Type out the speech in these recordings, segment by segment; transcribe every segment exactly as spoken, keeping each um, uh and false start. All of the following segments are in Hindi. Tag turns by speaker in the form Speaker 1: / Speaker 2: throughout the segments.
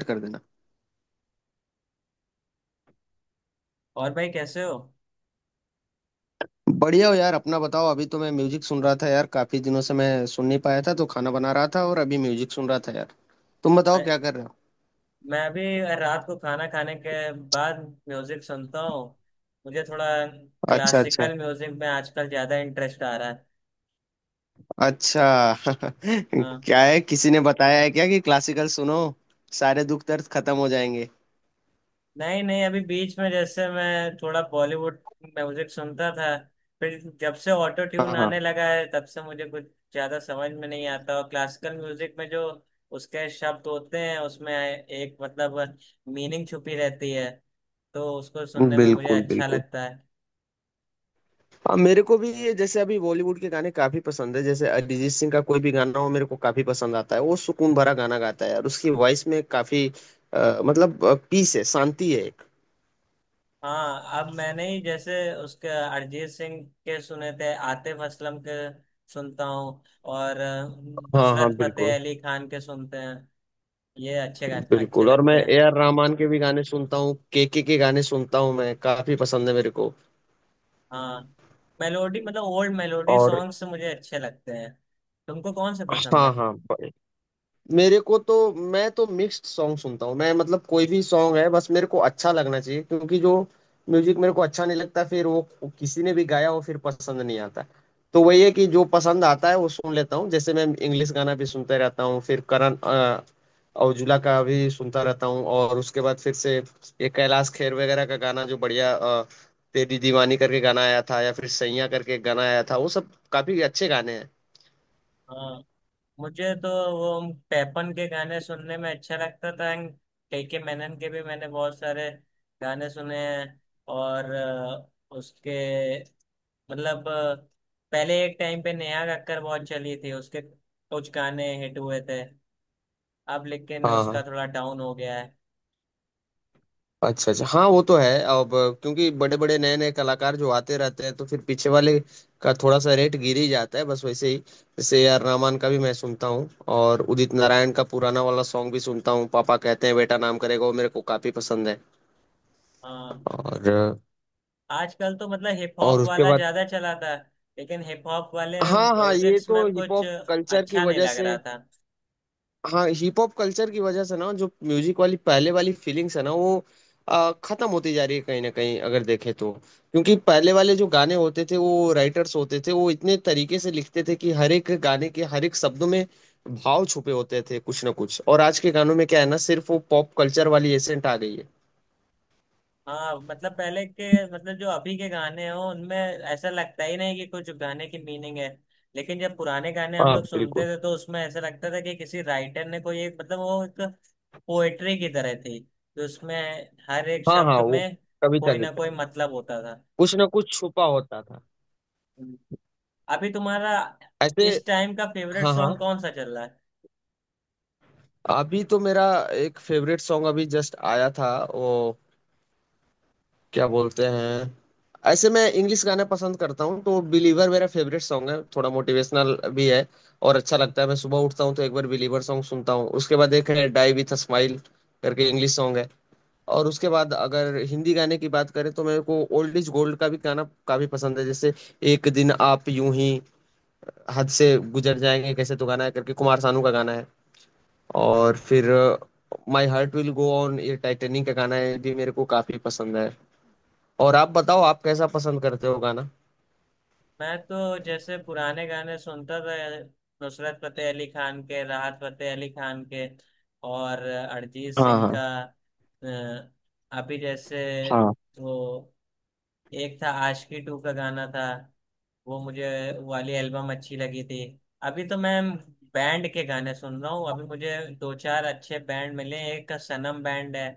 Speaker 1: start कर देना।
Speaker 2: और भाई कैसे हो?
Speaker 1: बढ़िया हो यार, अपना बताओ। अभी तो मैं म्यूजिक सुन रहा था यार, काफी दिनों से मैं सुन नहीं पाया था तो खाना बना रहा था और अभी म्यूजिक सुन रहा था यार। तुम बताओ
Speaker 2: अ-
Speaker 1: क्या कर रहे हो?
Speaker 2: मैं अभी रात को खाना खाने के बाद म्यूजिक सुनता हूँ। मुझे थोड़ा
Speaker 1: अच्छा अच्छा
Speaker 2: क्लासिकल म्यूजिक में आजकल ज्यादा इंटरेस्ट आ रहा है।
Speaker 1: अच्छा।
Speaker 2: हाँ।
Speaker 1: क्या है, किसी ने बताया है क्या कि क्लासिकल सुनो, सारे दुख दर्द खत्म हो जाएंगे?
Speaker 2: नहीं नहीं, अभी बीच में जैसे मैं थोड़ा बॉलीवुड म्यूजिक सुनता था, फिर जब से ऑटो
Speaker 1: हाँ
Speaker 2: ट्यून
Speaker 1: हाँ,
Speaker 2: आने लगा है तब से मुझे कुछ ज्यादा समझ में नहीं आता। और क्लासिकल म्यूजिक में जो उसके शब्द होते हैं उसमें एक मतलब मीनिंग छुपी रहती है, तो उसको सुनने में मुझे
Speaker 1: बिल्कुल
Speaker 2: अच्छा
Speaker 1: बिल्कुल।
Speaker 2: लगता है।
Speaker 1: हाँ, मेरे को भी ये जैसे अभी बॉलीवुड के गाने काफी पसंद है, जैसे अरिजीत सिंह का कोई भी गाना हो मेरे को काफी पसंद आता है। वो सुकून भरा गाना गाता है और उसकी वॉइस में काफी अ, मतलब पीस है, शांति है एक।
Speaker 2: हाँ। अब मैंने ही जैसे उसके अरिजीत सिंह के सुने थे, आतिफ असलम के सुनता हूँ, और अ,
Speaker 1: हाँ हाँ
Speaker 2: नुसरत फतेह
Speaker 1: बिल्कुल
Speaker 2: अली खान के सुनते हैं। ये अच्छे गा- अच्छे
Speaker 1: बिल्कुल। और
Speaker 2: लगते
Speaker 1: मैं
Speaker 2: हैं।
Speaker 1: ए आर रहमान के भी गाने सुनता हूँ, के के के गाने सुनता हूँ, मैं। काफी पसंद है मेरे को।
Speaker 2: हाँ, मेलोडी मतलब ओल्ड मेलोडी
Speaker 1: और
Speaker 2: सॉन्ग्स मुझे अच्छे लगते हैं। तुमको कौन से पसंद है?
Speaker 1: हाँ हाँ, ब- मेरे को तो, मैं तो मिक्स्ड सॉन्ग सुनता हूँ मैं। मतलब कोई भी सॉन्ग है, बस मेरे को अच्छा लगना चाहिए, क्योंकि जो म्यूजिक मेरे को अच्छा नहीं लगता फिर वो किसी ने भी गाया हो फिर पसंद नहीं आता। तो वही है कि जो पसंद आता है वो सुन लेता हूँ। जैसे मैं इंग्लिश गाना भी सुनते रहता हूँ, फिर करण अ, औजुला का भी सुनता रहता हूँ। और उसके बाद फिर से ये कैलाश खेर वगैरह का गाना, जो बढ़िया अ, तेरी दीवानी करके गाना आया था, या फिर सैया करके एक गाना आया था, वो सब काफी अच्छे गाने हैं।
Speaker 2: हाँ। मुझे तो वो पैपन के गाने सुनने में अच्छा लगता था, के मैनन के भी मैंने बहुत सारे गाने सुने हैं। और अ, उसके मतलब अ, पहले एक टाइम पे नेहा कक्कर बहुत चली थी, उसके कुछ गाने हिट हुए थे, अब लेकिन
Speaker 1: हाँ
Speaker 2: उसका
Speaker 1: हाँ
Speaker 2: थोड़ा डाउन हो गया है।
Speaker 1: अच्छा अच्छा। हाँ वो तो है अब, क्योंकि बड़े बड़े नए नए कलाकार जो आते रहते हैं तो फिर पीछे वाले का थोड़ा सा रेट गिर ही जाता है। बस वैसे ही, जैसे ए आर रहमान का भी मैं सुनता हूँ और उदित नारायण का पुराना वाला सॉन्ग भी सुनता हूँ, पापा कहते हैं बेटा नाम करेगा, वो मेरे को काफी पसंद है।
Speaker 2: हाँ।
Speaker 1: और
Speaker 2: आजकल तो मतलब हिप
Speaker 1: और
Speaker 2: हॉप
Speaker 1: उसके
Speaker 2: वाला
Speaker 1: बाद,
Speaker 2: ज्यादा चला था, लेकिन हिप हॉप वाले
Speaker 1: हाँ हाँ, ये
Speaker 2: म्यूजिक्स में
Speaker 1: तो हिप
Speaker 2: कुछ
Speaker 1: हॉप कल्चर की
Speaker 2: अच्छा नहीं
Speaker 1: वजह
Speaker 2: लग
Speaker 1: से।
Speaker 2: रहा था।
Speaker 1: हाँ हिप हॉप कल्चर की वजह से ना, जो म्यूजिक वाली पहले वाली फीलिंग्स है ना वो आ, खत्म होती जा रही है, कहीं ना कहीं अगर देखें तो। क्योंकि पहले वाले जो गाने होते थे वो राइटर्स होते थे, वो इतने तरीके से लिखते थे कि हर एक गाने के हर एक शब्दों में भाव छुपे होते थे, कुछ ना कुछ। और आज के गानों में क्या है ना, सिर्फ वो पॉप कल्चर वाली एसेंट आ गई है।
Speaker 2: हाँ मतलब पहले के मतलब जो अभी के गाने हो उनमें ऐसा लगता ही नहीं कि कुछ गाने की मीनिंग है। लेकिन जब पुराने गाने हम
Speaker 1: हाँ
Speaker 2: लोग सुनते
Speaker 1: बिल्कुल।
Speaker 2: थे तो उसमें ऐसा लगता था कि किसी राइटर ने कोई एक मतलब वो एक पोएट्री की तरह थी, तो उसमें हर एक
Speaker 1: हाँ हाँ,
Speaker 2: शब्द
Speaker 1: वो
Speaker 2: में
Speaker 1: कविता
Speaker 2: कोई
Speaker 1: की
Speaker 2: ना कोई
Speaker 1: तरह,
Speaker 2: मतलब होता था।
Speaker 1: कुछ ना कुछ छुपा होता था,
Speaker 2: अभी तुम्हारा
Speaker 1: ऐसे।
Speaker 2: इस टाइम का फेवरेट
Speaker 1: हाँ हाँ।
Speaker 2: सॉन्ग कौन सा चल रहा है?
Speaker 1: अभी तो मेरा एक फेवरेट सॉन्ग अभी जस्ट आया था, वो क्या बोलते हैं, ऐसे मैं इंग्लिश गाने पसंद करता हूँ तो बिलीवर मेरा फेवरेट सॉन्ग है, थोड़ा मोटिवेशनल भी है और अच्छा लगता है। मैं सुबह उठता हूँ तो एक बार बिलीवर सॉन्ग सुनता हूँ। उसके बाद एक है डाई विथ अ स्माइल करके इंग्लिश सॉन्ग है। और उसके बाद अगर हिंदी गाने की बात करें तो मेरे को ओल्ड इज गोल्ड का भी गाना काफी पसंद है, जैसे एक दिन आप यूं ही हद से गुजर जाएंगे कैसे, तो गाना है करके, कुमार सानू का गाना है। और फिर my heart will go on, ये टाइटेनिक का गाना है, भी मेरे को काफी पसंद है। और आप बताओ, आप कैसा पसंद करते हो गाना?
Speaker 2: मैं तो जैसे पुराने गाने सुनता था, नुसरत फतेह अली खान के, राहत फतेह अली खान के, और अरिजीत
Speaker 1: हाँ
Speaker 2: सिंह
Speaker 1: हाँ
Speaker 2: का। अ, अभी जैसे
Speaker 1: हाँ
Speaker 2: वो एक था आशिकी टू का गाना था, वो मुझे वो वाली एल्बम अच्छी लगी थी। अभी तो मैं बैंड के गाने सुन रहा हूँ, अभी मुझे दो चार अच्छे बैंड मिले, एक का सनम बैंड है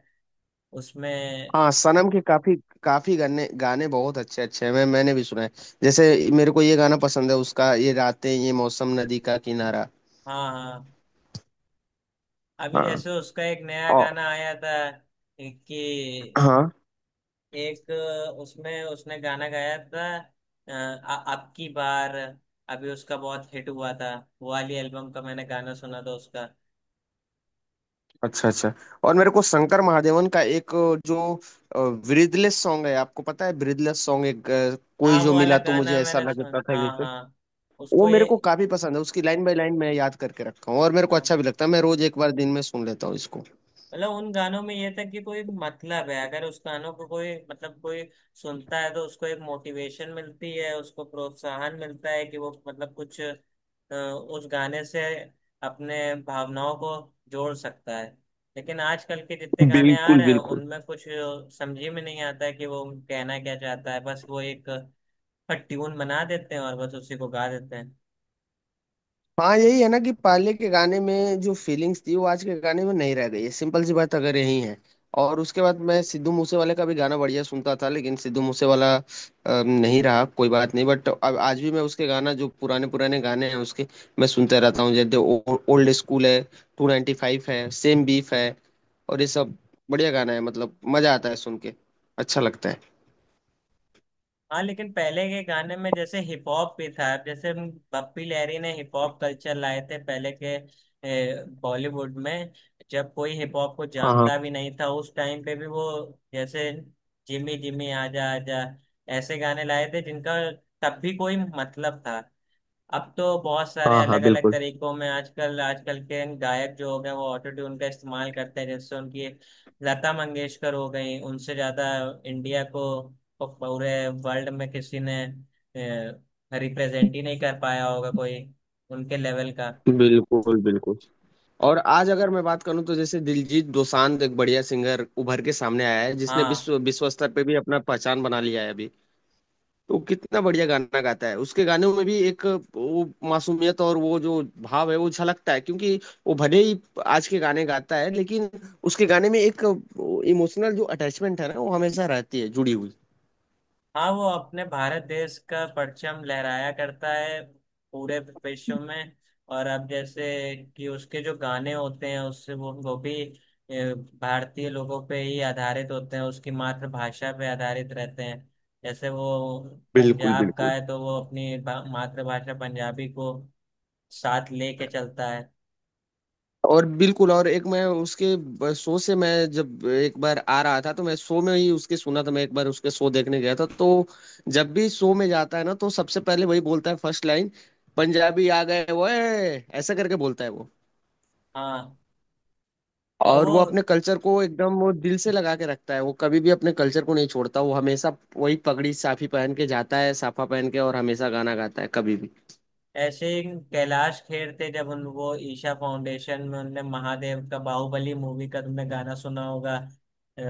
Speaker 2: उसमें।
Speaker 1: हाँ, सनम के काफी काफी गाने, गाने बहुत अच्छे अच्छे हैं। मैं मैंने भी सुना है। जैसे मेरे को ये गाना पसंद है उसका, ये रातें ये मौसम नदी का किनारा।
Speaker 2: हाँ हाँ। अभी
Speaker 1: हाँ,
Speaker 2: जैसे उसका एक नया
Speaker 1: और,
Speaker 2: गाना आया था कि
Speaker 1: हाँ
Speaker 2: एक उसमें उसने गाना गाया था, अ, आ, अब की बार, अभी उसका बहुत हिट हुआ था, वो वाली एल्बम का मैंने गाना सुना था उसका।
Speaker 1: अच्छा अच्छा। और मेरे को शंकर महादेवन का एक जो ब्रीदलेस सॉन्ग है, आपको पता है ब्रीदलेस सॉन्ग, एक अ, कोई
Speaker 2: हाँ
Speaker 1: जो
Speaker 2: वो वाला
Speaker 1: मिला, तो मुझे
Speaker 2: गाना
Speaker 1: ऐसा
Speaker 2: मैंने सुना,
Speaker 1: लगता
Speaker 2: हाँ
Speaker 1: था,
Speaker 2: हाँ,
Speaker 1: वो
Speaker 2: उसको ये।
Speaker 1: मेरे को काफी पसंद है। उसकी लाइन बाय लाइन मैं याद करके रखा हूँ और मेरे को
Speaker 2: हाँ
Speaker 1: अच्छा भी लगता है। मैं रोज एक बार दिन में सुन लेता हूँ इसको।
Speaker 2: मतलब उन गानों में ये था कि कोई मतलब है, अगर उस गानों को कोई मतलब कोई सुनता है तो उसको एक मोटिवेशन मिलती है, उसको प्रोत्साहन मिलता है कि वो मतलब कुछ अ, उस गाने से अपने भावनाओं को जोड़ सकता है। लेकिन आजकल के जितने गाने आ
Speaker 1: बिल्कुल
Speaker 2: रहे हैं
Speaker 1: बिल्कुल।
Speaker 2: उनमें कुछ समझ ही में नहीं आता है कि वो कहना क्या चाहता है, बस वो एक ट्यून बना देते हैं और बस उसी को गा देते हैं।
Speaker 1: हाँ यही है ना, कि पहले के गाने में जो फीलिंग्स थी वो आज के गाने में नहीं रह गई है, सिंपल सी बात अगर यही है। और उसके बाद मैं सिद्धू मूसेवाले का भी गाना बढ़िया सुनता था, लेकिन सिद्धू मूसेवाला अ, नहीं रहा, कोई बात नहीं, बट अब आज भी मैं उसके गाना, जो पुराने पुराने गाने हैं उसके, मैं सुनते रहता हूँ। जैसे ओल्ड स्कूल है, टू नाइन्टी फाइव है, सेम बीफ है, और ये सब बढ़िया गाना है। मतलब मजा आता है सुन के, अच्छा लगता है।
Speaker 2: हाँ लेकिन पहले के गाने में जैसे हिप हॉप भी था। अब जैसे हम पप्पी लहरी ने हिप हॉप कल्चर लाए थे पहले के बॉलीवुड में, जब कोई हिप हॉप को
Speaker 1: हाँ हाँ
Speaker 2: जानता भी नहीं था उस टाइम पे भी वो जैसे जिमी जिमी आजा आजा ऐसे गाने लाए थे जिनका तब भी कोई मतलब था। अब तो बहुत सारे
Speaker 1: हाँ हाँ
Speaker 2: अलग अलग
Speaker 1: बिल्कुल
Speaker 2: तरीकों में आजकल आजकल के गायक जो हो गए वो ऑटो ट्यून का इस्तेमाल करते हैं। जैसे उनकी लता मंगेशकर हो गई, उनसे ज्यादा इंडिया को को पूरे वर्ल्ड में किसी ने रिप्रेजेंट ही नहीं कर पाया होगा कोई उनके लेवल का।
Speaker 1: बिल्कुल बिल्कुल। और आज अगर मैं बात करूं तो, जैसे दिलजीत दोसांझ, एक बढ़िया सिंगर उभर के सामने आया है, जिसने
Speaker 2: हाँ
Speaker 1: विश्व विश्व स्तर पे भी अपना पहचान बना लिया है अभी। तो वो कितना बढ़िया गाना गाता है। उसके गानों में भी एक, वो मासूमियत और वो जो भाव है वो झलकता है, क्योंकि वो भले ही आज के गाने गाता है लेकिन उसके गाने में एक इमोशनल जो अटैचमेंट है ना, वो हमेशा रहती है जुड़ी हुई।
Speaker 2: हाँ। वो अपने भारत देश का परचम लहराया करता है पूरे विश्व में। और अब जैसे कि उसके जो गाने होते हैं उससे वो वो भी ए, भारतीय लोगों पे ही आधारित होते हैं, उसकी मातृभाषा पे आधारित रहते हैं। जैसे वो
Speaker 1: बिल्कुल
Speaker 2: पंजाब का
Speaker 1: बिल्कुल।
Speaker 2: है तो वो अपनी भा- मातृभाषा पंजाबी को साथ लेके चलता है।
Speaker 1: और बिल्कुल। और एक, मैं उसके ब- शो से, मैं जब एक बार आ रहा था, तो मैं शो में ही उसके सुना था। मैं एक बार उसके शो देखने गया था, तो जब भी शो में जाता है ना तो सबसे पहले वही बोलता है फर्स्ट लाइन, पंजाबी आ गए, वो ऐसा करके बोलता है वो।
Speaker 2: हाँ, और
Speaker 1: और
Speaker 2: वो
Speaker 1: वो अपने कल्चर को एकदम, वो दिल से लगा के रखता है। वो कभी भी अपने कल्चर को नहीं छोड़ता। वो हमेशा वही पगड़ी साफी पहन के जाता है, साफा पहन के, और हमेशा गाना गाता है कभी भी।
Speaker 2: ऐसे ही कैलाश खेर थे, जब उन वो ईशा फाउंडेशन में उनने महादेव का बाहुबली मूवी का तुमने गाना सुना होगा, अ,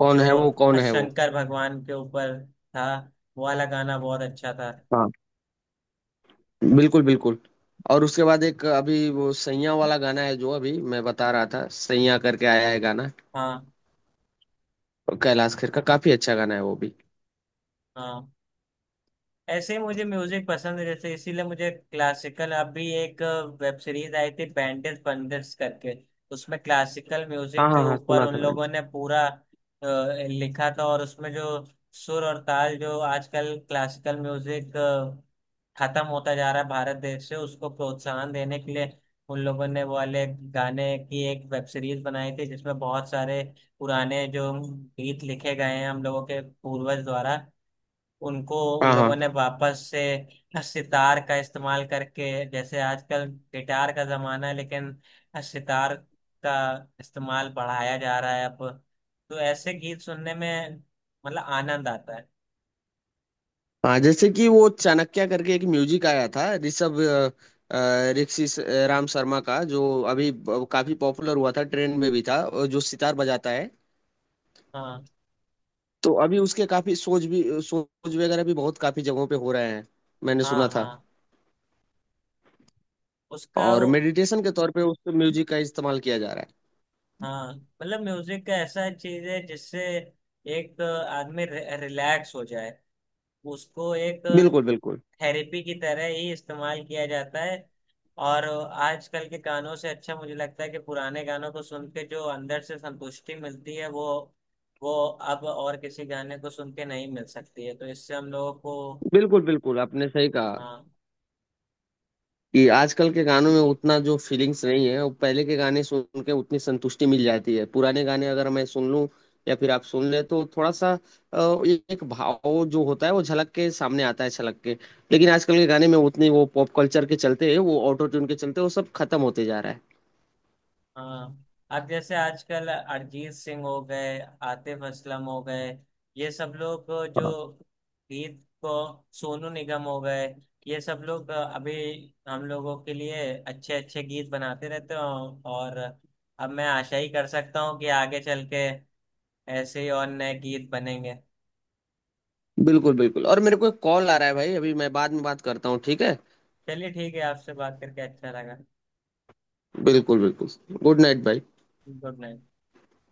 Speaker 1: कौन
Speaker 2: जो
Speaker 1: है वो, कौन है वो?
Speaker 2: शंकर भगवान के ऊपर था, वो वाला गाना बहुत अच्छा था।
Speaker 1: बिल्कुल बिल्कुल। और उसके बाद एक अभी वो सैया वाला गाना है जो अभी मैं बता रहा था, सैया करके आया है गाना।
Speaker 2: हाँ
Speaker 1: कैलाश खेर का काफी अच्छा गाना है वो भी।
Speaker 2: हाँ। ऐसे ही मुझे म्यूजिक पसंद है, जैसे इसीलिए मुझे क्लासिकल अभी एक वेब सीरीज आई थी बैंडिट पंडिट्स करके, उसमें क्लासिकल
Speaker 1: हाँ
Speaker 2: म्यूजिक के
Speaker 1: हाँ हाँ
Speaker 2: ऊपर
Speaker 1: सुना
Speaker 2: उन
Speaker 1: था मैंने।
Speaker 2: लोगों ने पूरा अ, लिखा था। और उसमें जो सुर और ताल जो आजकल क्लासिकल म्यूजिक खत्म होता जा रहा है भारत देश से, उसको प्रोत्साहन देने के लिए उन लोगों ने वो वाले गाने की एक वेब सीरीज बनाई थी, जिसमें बहुत सारे पुराने जो गीत लिखे गए हैं हम लोगों के पूर्वज द्वारा उनको उन
Speaker 1: हाँ
Speaker 2: लोगों
Speaker 1: हाँ।
Speaker 2: ने वापस से सितार का इस्तेमाल करके, जैसे आजकल गिटार का जमाना है लेकिन सितार का इस्तेमाल बढ़ाया जा रहा है अब। तो ऐसे गीत सुनने में मतलब आनंद आता है।
Speaker 1: हाँ, जैसे कि वो चाणक्य करके एक म्यूजिक आया था, ऋषभ अ, अ, ऋषि स- राम शर्मा का, जो अभी ब- काफी पॉपुलर हुआ था, ट्रेंड में भी था, और जो सितार बजाता है।
Speaker 2: हाँ
Speaker 1: तो अभी उसके काफी सोच भी, सोच वगैरह भी बहुत काफी जगहों पे हो रहे हैं, मैंने
Speaker 2: हाँ
Speaker 1: सुना था।
Speaker 2: हाँ। उसका
Speaker 1: और
Speaker 2: वो-
Speaker 1: मेडिटेशन के तौर पे उस म्यूजिक का इस्तेमाल किया जा रहा है।
Speaker 2: हाँ मतलब म्यूजिक का ऐसा चीज है जिससे एक आदमी रिलैक्स हो जाए, उसको एक
Speaker 1: बिल्कुल बिल्कुल।
Speaker 2: थेरेपी की तरह ही इस्तेमाल किया जाता है। और आजकल के गानों से अच्छा मुझे लगता है कि पुराने गानों को सुन के जो अंदर से संतुष्टि मिलती है वो वो अब और किसी गाने को सुन के नहीं मिल सकती है, तो इससे हम लोगों को।
Speaker 1: बिल्कुल बिल्कुल, आपने सही कहा,
Speaker 2: हाँ
Speaker 1: कि आजकल के गानों में उतना जो फीलिंग्स नहीं है, वो पहले के गाने सुन के उतनी संतुष्टि मिल जाती है। पुराने गाने अगर मैं सुन लूं या फिर आप सुन ले, तो थोड़ा सा अ, एक भाव जो होता है वो झलक के सामने आता है, छलक के। लेकिन आजकल के गाने में उतनी, वो पॉप कल्चर के चलते, वो ऑटो ट्यून के चलते, वो सब खत्म होते जा रहा है।
Speaker 2: हाँ। अब जैसे आजकल अरिजीत सिंह हो गए, आतिफ असलम हो गए, ये सब लोग जो
Speaker 1: हाँ
Speaker 2: गीत को सोनू निगम हो गए, ये सब लोग अभी हम लोगों के लिए अच्छे अच्छे गीत बनाते रहते हैं। और अब मैं आशा ही कर सकता हूँ कि आगे चल के ऐसे ही और नए गीत बनेंगे।
Speaker 1: बिल्कुल बिल्कुल। और मेरे को एक कॉल आ रहा है भाई, अभी मैं बाद में बात करता हूँ, ठीक है?
Speaker 2: चलिए ठीक है, आपसे बात करके अच्छा लगा।
Speaker 1: बिल्कुल बिल्कुल। गुड नाइट भाई।
Speaker 2: Good night.